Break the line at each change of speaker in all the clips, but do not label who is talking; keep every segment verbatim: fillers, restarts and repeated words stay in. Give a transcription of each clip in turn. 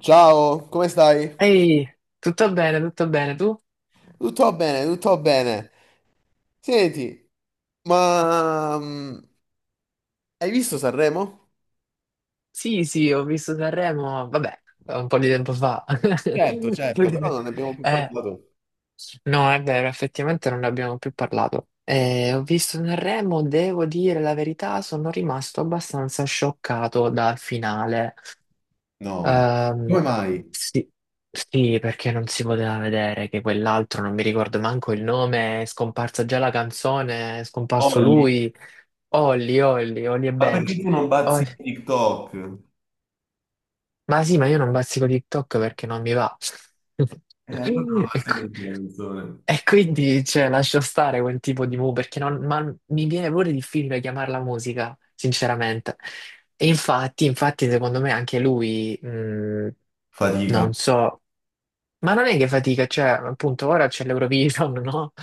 Ciao, come stai?
Ehi, tutto bene, tutto bene. Tu?
Tutto bene, tutto bene. Senti, ma mm, hai visto Sanremo?
Sì, sì, ho visto Sanremo, vabbè, un po' di tempo fa.
Certo,
Un po'
certo.
di
Però
te-
non ne abbiamo più
Eh,
parlato.
no, è vero, effettivamente non ne abbiamo più parlato. Eh, ho visto Sanremo, devo dire la verità, sono rimasto abbastanza scioccato dal finale.
No,
Ehm,
come mai?
sì, sì, perché non si poteva vedere che quell'altro, non mi ricordo manco il nome, è scomparsa già la canzone, è scomparso
Olli,
lui, Olli, Olli, Olli e
ma perché
Benji.
tu non bazzi in TikTok?
Ma sì, ma io non bazzico TikTok perché non mi va.
E allora non la
E, qui-
senti la canzone.
e quindi, cioè, lascio stare quel tipo di mu perché non, ma mi viene pure difficile chiamarla musica, sinceramente. E infatti, infatti, secondo me anche lui, mh,
Fatica.
non so. Ma non è che fatica, cioè, appunto, ora c'è l'Eurovision, no?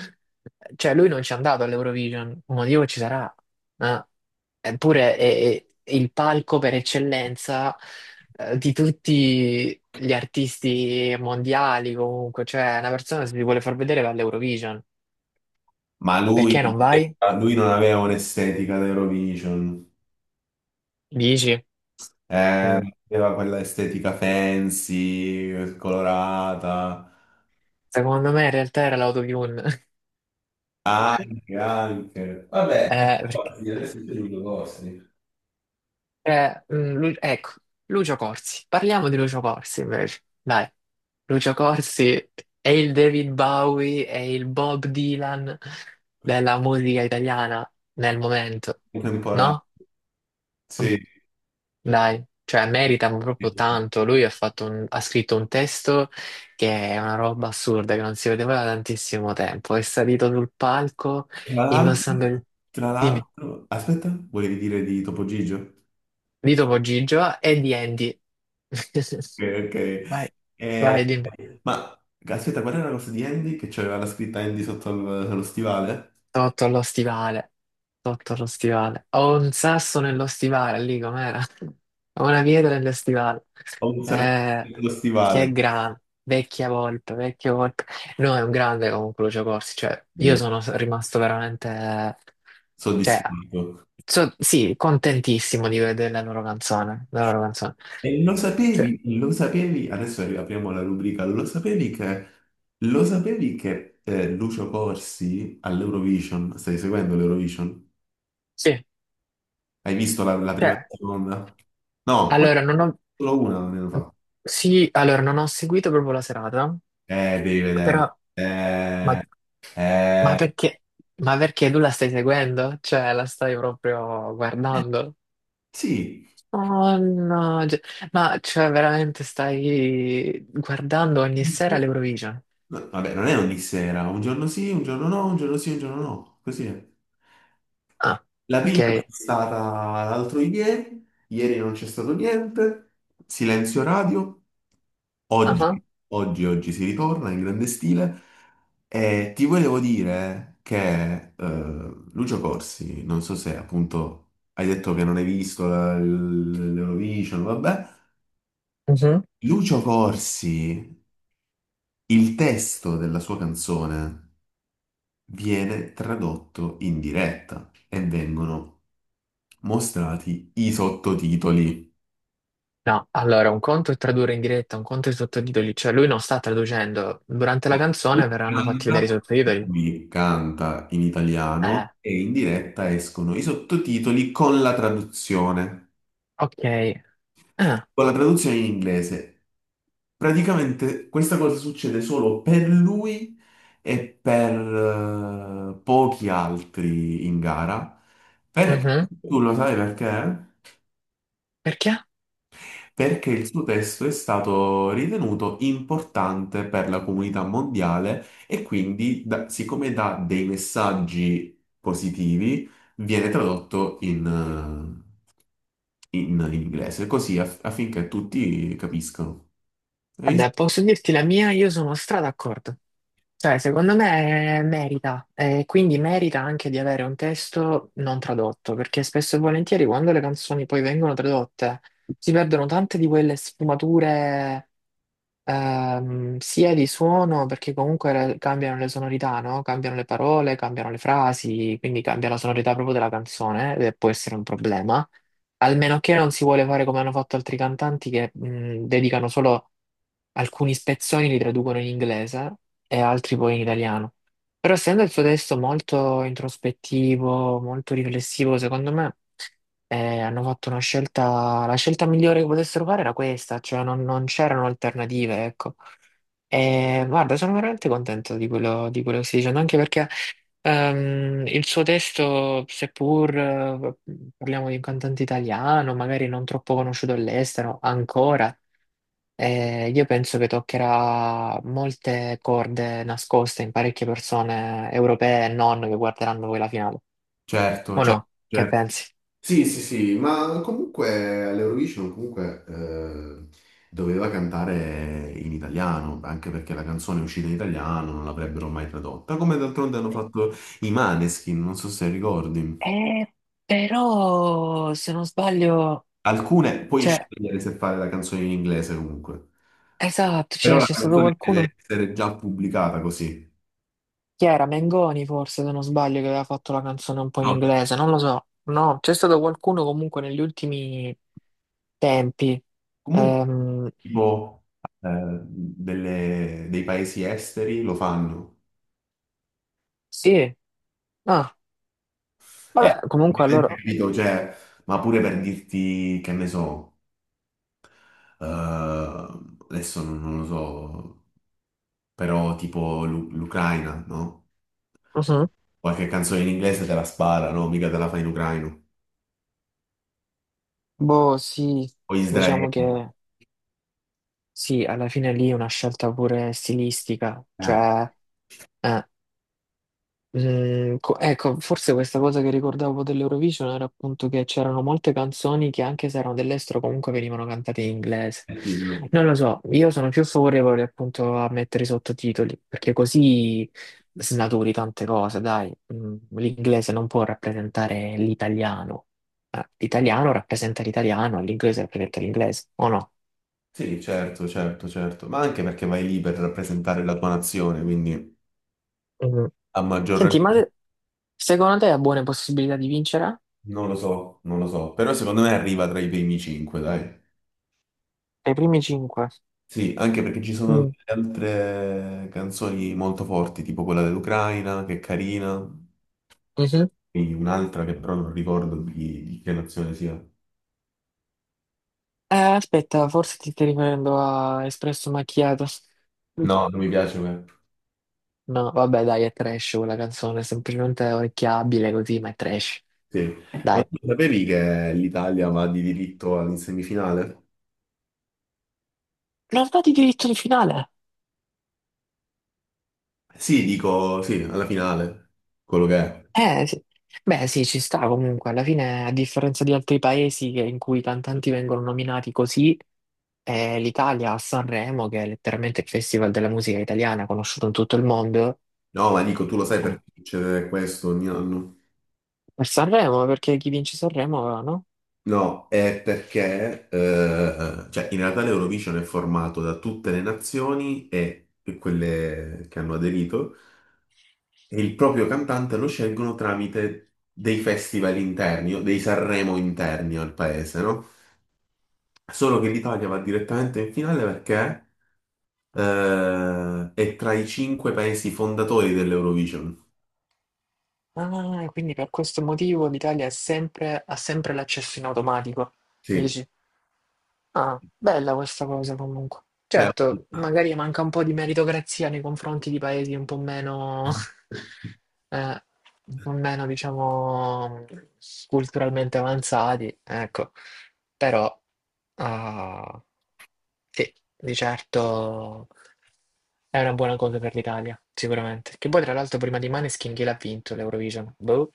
Cioè, lui non ci è andato all'Eurovision, un motivo ci sarà, ma eppure è, è il palco per eccellenza, eh, di tutti gli artisti mondiali, comunque, cioè, una persona se ti vuole far vedere va all'Eurovision.
Ma lui,
Perché non vai?
lui non aveva un'estetica da Eurovision.
Dici?
Eh,
Mm.
aveva quella estetica fancy, colorata.
Secondo me in realtà era l'autotune.
Anche, anche. Vabbè,
Eh, perché?
ricordi, adesso sono due vostri.
Eh, mm, Lu- ecco, Lucio Corsi. Parliamo di Lucio Corsi invece. Dai, Lucio Corsi è il David Bowie, è il Bob Dylan della musica italiana nel momento,
Contemporanei.
no?
Sì.
Dai, cioè merita proprio tanto. Lui ha fatto un- ha scritto un testo che è una roba assurda, che non si vedeva da tantissimo tempo. È salito sul palco
Tra
indossando
l'altro,
il...
tra
Dimmi,
l'altro, aspetta, volevi dire di Topo Gigio?
di Topo Gigio e di Andy.
Ok. Ok.
Vai, vai,
Eh,
dimmi.
ma aspetta, qual era la cosa di Andy che c'aveva la scritta Andy sotto al- allo stivale?
Sotto allo stivale, sotto allo stivale. Ho un sasso nello stivale, lì com'era? Ho una pietra nello stivale.
Ho un
Eh,
serpente allo
che
stivale.
grande, vecchia volpe, vecchia volpe. No, è un grande comunque Lucio Corsi, cioè io
Sì.
sono rimasto veramente, cioè,
Soddisfatto.
so- sì, contentissimo di vedere la loro canzone, la loro canzone.
E lo
Cioè,
sapevi, lo sapevi, adesso apriamo la rubrica, lo sapevi che, lo sapevi che eh, Lucio Corsi all'Eurovision, stai seguendo l'Eurovision?
sì,
Hai visto la, la prima e la
cioè,
seconda? No, qua
allora non ho,
solo una non ne hanno fatto.
sì, allora non ho seguito proprio la serata,
Eh, devi vedere.
però... Ma,
Eh,
ma
eh,
perché? Ma perché tu la stai seguendo? Cioè, la stai proprio guardando?
sì.
Oh no, cioè- ma cioè veramente stai guardando ogni sera l'Eurovision?
No, vabbè, non è ogni sera, un giorno sì, un giorno no, un giorno sì, un giorno no, così è.
Ah,
La
ok.
prima è stata l'altro ieri, ieri non c'è stato niente, silenzio radio. Oggi,
Ah,
oggi, oggi si ritorna in grande stile e ti volevo dire che eh, Lucio Corsi, non so se appunto hai detto che non hai visto la- l- l'Eurovision, vabbè.
mhm.
Lucio Corsi, il testo della sua canzone viene tradotto in diretta e vengono mostrati i sottotitoli.
No, allora un conto è tradurre in diretta, un conto è i sottotitoli, cioè lui non sta traducendo. Durante la canzone
Lui
verranno fatti
canta,
vedere i sottotitoli.
lui canta in italiano
Eh,
e in diretta escono i sottotitoli con la traduzione,
ok. Ah,
con la traduzione in inglese. Praticamente questa cosa succede solo per lui e per eh, pochi altri in gara. Perché
mhm.
tu lo sai perché?
Perché?
Perché il suo testo è stato ritenuto importante per la comunità mondiale e quindi, da- siccome dà dei messaggi positivi, viene tradotto in, eh, in inglese, così aff- affinché tutti capiscano. E io-
Vabbè, posso dirti la mia, io sono stra d'accordo. Cioè, secondo me eh, merita, e quindi merita anche di avere un testo non tradotto, perché spesso e volentieri quando le canzoni poi vengono tradotte si perdono tante di quelle sfumature. Ehm, sia di suono, perché comunque le- cambiano le sonorità, no? Cambiano le parole, cambiano le frasi, quindi cambia la sonorità proprio della canzone, eh, e può essere un problema. Almeno che non si vuole fare come hanno fatto altri cantanti che mh, dedicano solo alcuni spezzoni, li traducono in inglese e altri poi in italiano. Però essendo il suo testo molto introspettivo, molto riflessivo, secondo me eh, hanno fatto una scelta, la scelta migliore che potessero fare era questa, cioè non, non c'erano alternative, ecco. E guarda, sono veramente contento di quello, di quello che stai dicendo, anche perché ehm, il suo testo, seppur eh, parliamo di un cantante italiano, magari non troppo conosciuto all'estero ancora, eh, io penso che toccherà molte corde nascoste in parecchie persone europee e non che guarderanno poi la finale.
certo, eh,
O
certo,
no? Che
certo.
pensi?
Sì, sì, sì, ma comunque all'Eurovision comunque eh, doveva cantare in italiano, anche perché la canzone è uscita in italiano, non l'avrebbero mai tradotta, come d'altronde hanno fatto i Maneskin, non so se ricordi.
Eh, però, se non sbaglio,
Alcune, puoi
cioè,
scegliere se fare la canzone in inglese comunque,
esatto,
però
cioè,
la
c'è stato
canzone deve
qualcuno,
essere già pubblicata così.
chi era? Mengoni forse, se non sbaglio, che aveva fatto la canzone un po' in
No,
inglese, non lo so. No, c'è stato qualcuno comunque negli ultimi tempi.
comunque
Ehm,
tipo eh, delle- dei paesi esteri lo fanno.
sì, ah,
Eh,
vabbè, comunque allora,
capito, cioè, ma pure per dirti che ne so, eh, adesso non, non lo so, però tipo l'U- l'Ucraina, no?
mhm.
Qualche canzone in inglese te la spara, no? Mica te la fa in ucraino.
Boh, sì,
O Israele.
diciamo che sì, alla fine lì è una scelta pure stilistica,
Eh,
cioè... eh. Mm, co- ecco, forse questa cosa che ricordavo dell'Eurovision era appunto che c'erano molte canzoni che anche se erano dell'estero comunque venivano cantate in inglese.
eh sì, no.
Non lo so, io sono più favorevole appunto a mettere i sottotitoli, perché così snaturi tante cose, dai. Mm, l'inglese non può rappresentare l'italiano. Eh, L'italiano rappresenta l'italiano, l'inglese rappresenta l'inglese, o no?
Sì, certo, certo, certo, ma anche perché vai lì per rappresentare la tua nazione, quindi...
Mm.
A maggior
Senti, ma
ragione,
se- secondo te ha buone possibilità di vincere?
non lo so, non lo so, però secondo me arriva tra i primi cinque, dai.
Ai primi cinque.
Sì, anche perché ci sono
Mm.
delle altre canzoni molto forti, tipo quella dell'Ucraina, che è carina, e un'altra che però non ricordo di, di che nazione sia.
Eh, aspetta, forse ti stai riferendo a Espresso Macchiato.
No, non mi piace. Ma...
No, vabbè, dai, è trash quella canzone, è semplicemente orecchiabile così, ma è trash.
sì. Ma
Dai.
tu sapevi che l'Italia va di diritto in semifinale?
Non va di diritto di finale.
Sì, dico, sì, alla finale, quello che è.
Eh, sì. Beh, sì, ci sta comunque. Alla fine, a differenza di altri paesi che- in cui i cantanti vengono nominati così, eh, l'Italia a Sanremo, che è letteralmente il festival della musica italiana conosciuto in tutto il mondo,
No, ma dico, tu lo sai
eh,
perché succede questo ogni anno?
per Sanremo, perché chi vince Sanremo, no?
No, è perché eh, cioè, in realtà l'Eurovision è formato da tutte le nazioni e, e quelle che hanno aderito e il proprio cantante lo scelgono tramite dei festival interni o dei Sanremo interni al paese, no? Solo che l'Italia va direttamente in finale perché eh, è tra i cinque paesi fondatori dell'Eurovision.
Ah, quindi per questo motivo l'Italia è sempre- ha sempre l'accesso in automatico.
Sì.
Dici, ah, bella questa cosa comunque.
Beh,
Certo, magari manca un po' di meritocrazia nei confronti di paesi un po' meno, eh, un po' meno, diciamo, culturalmente avanzati, ecco. Però, ah, sì, di certo è una buona cosa per l'Italia, sicuramente. Che poi, tra l'altro, prima di Maneskin chi l'ha vinto l'Eurovision? Boh.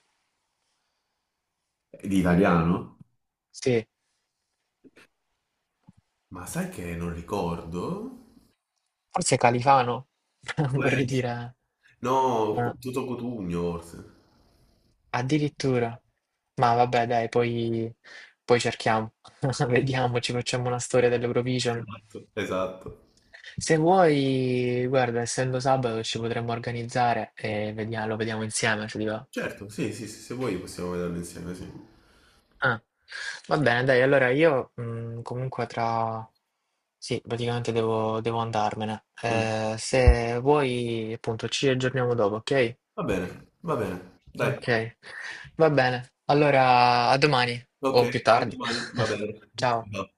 di italiano?
Sì,
Ma sai che non ricordo?
forse Califano,
Può
vorrei
essere.
dire,
No,
ma
tutto Cotugno forse.
addirittura. Ma vabbè, dai, poi, poi cerchiamo, vediamo, ci facciamo una storia dell'Eurovision.
Esatto. Esatto.
Se vuoi, guarda, essendo sabato ci potremmo organizzare e vediamo, lo vediamo insieme, se ti va.
Certo, sì, sì, sì, se vuoi possiamo vederlo insieme, sì.
Ah, va bene, dai, allora io mh, comunque tra... Sì, praticamente devo, devo andarmene.
Mm.
Eh, se vuoi, appunto, ci aggiorniamo dopo, ok?
Va bene, va bene. Dai,
Ok, va bene. Allora, a domani
ok,
o più
a
tardi.
domani, va bene.
Ciao.
Ciao.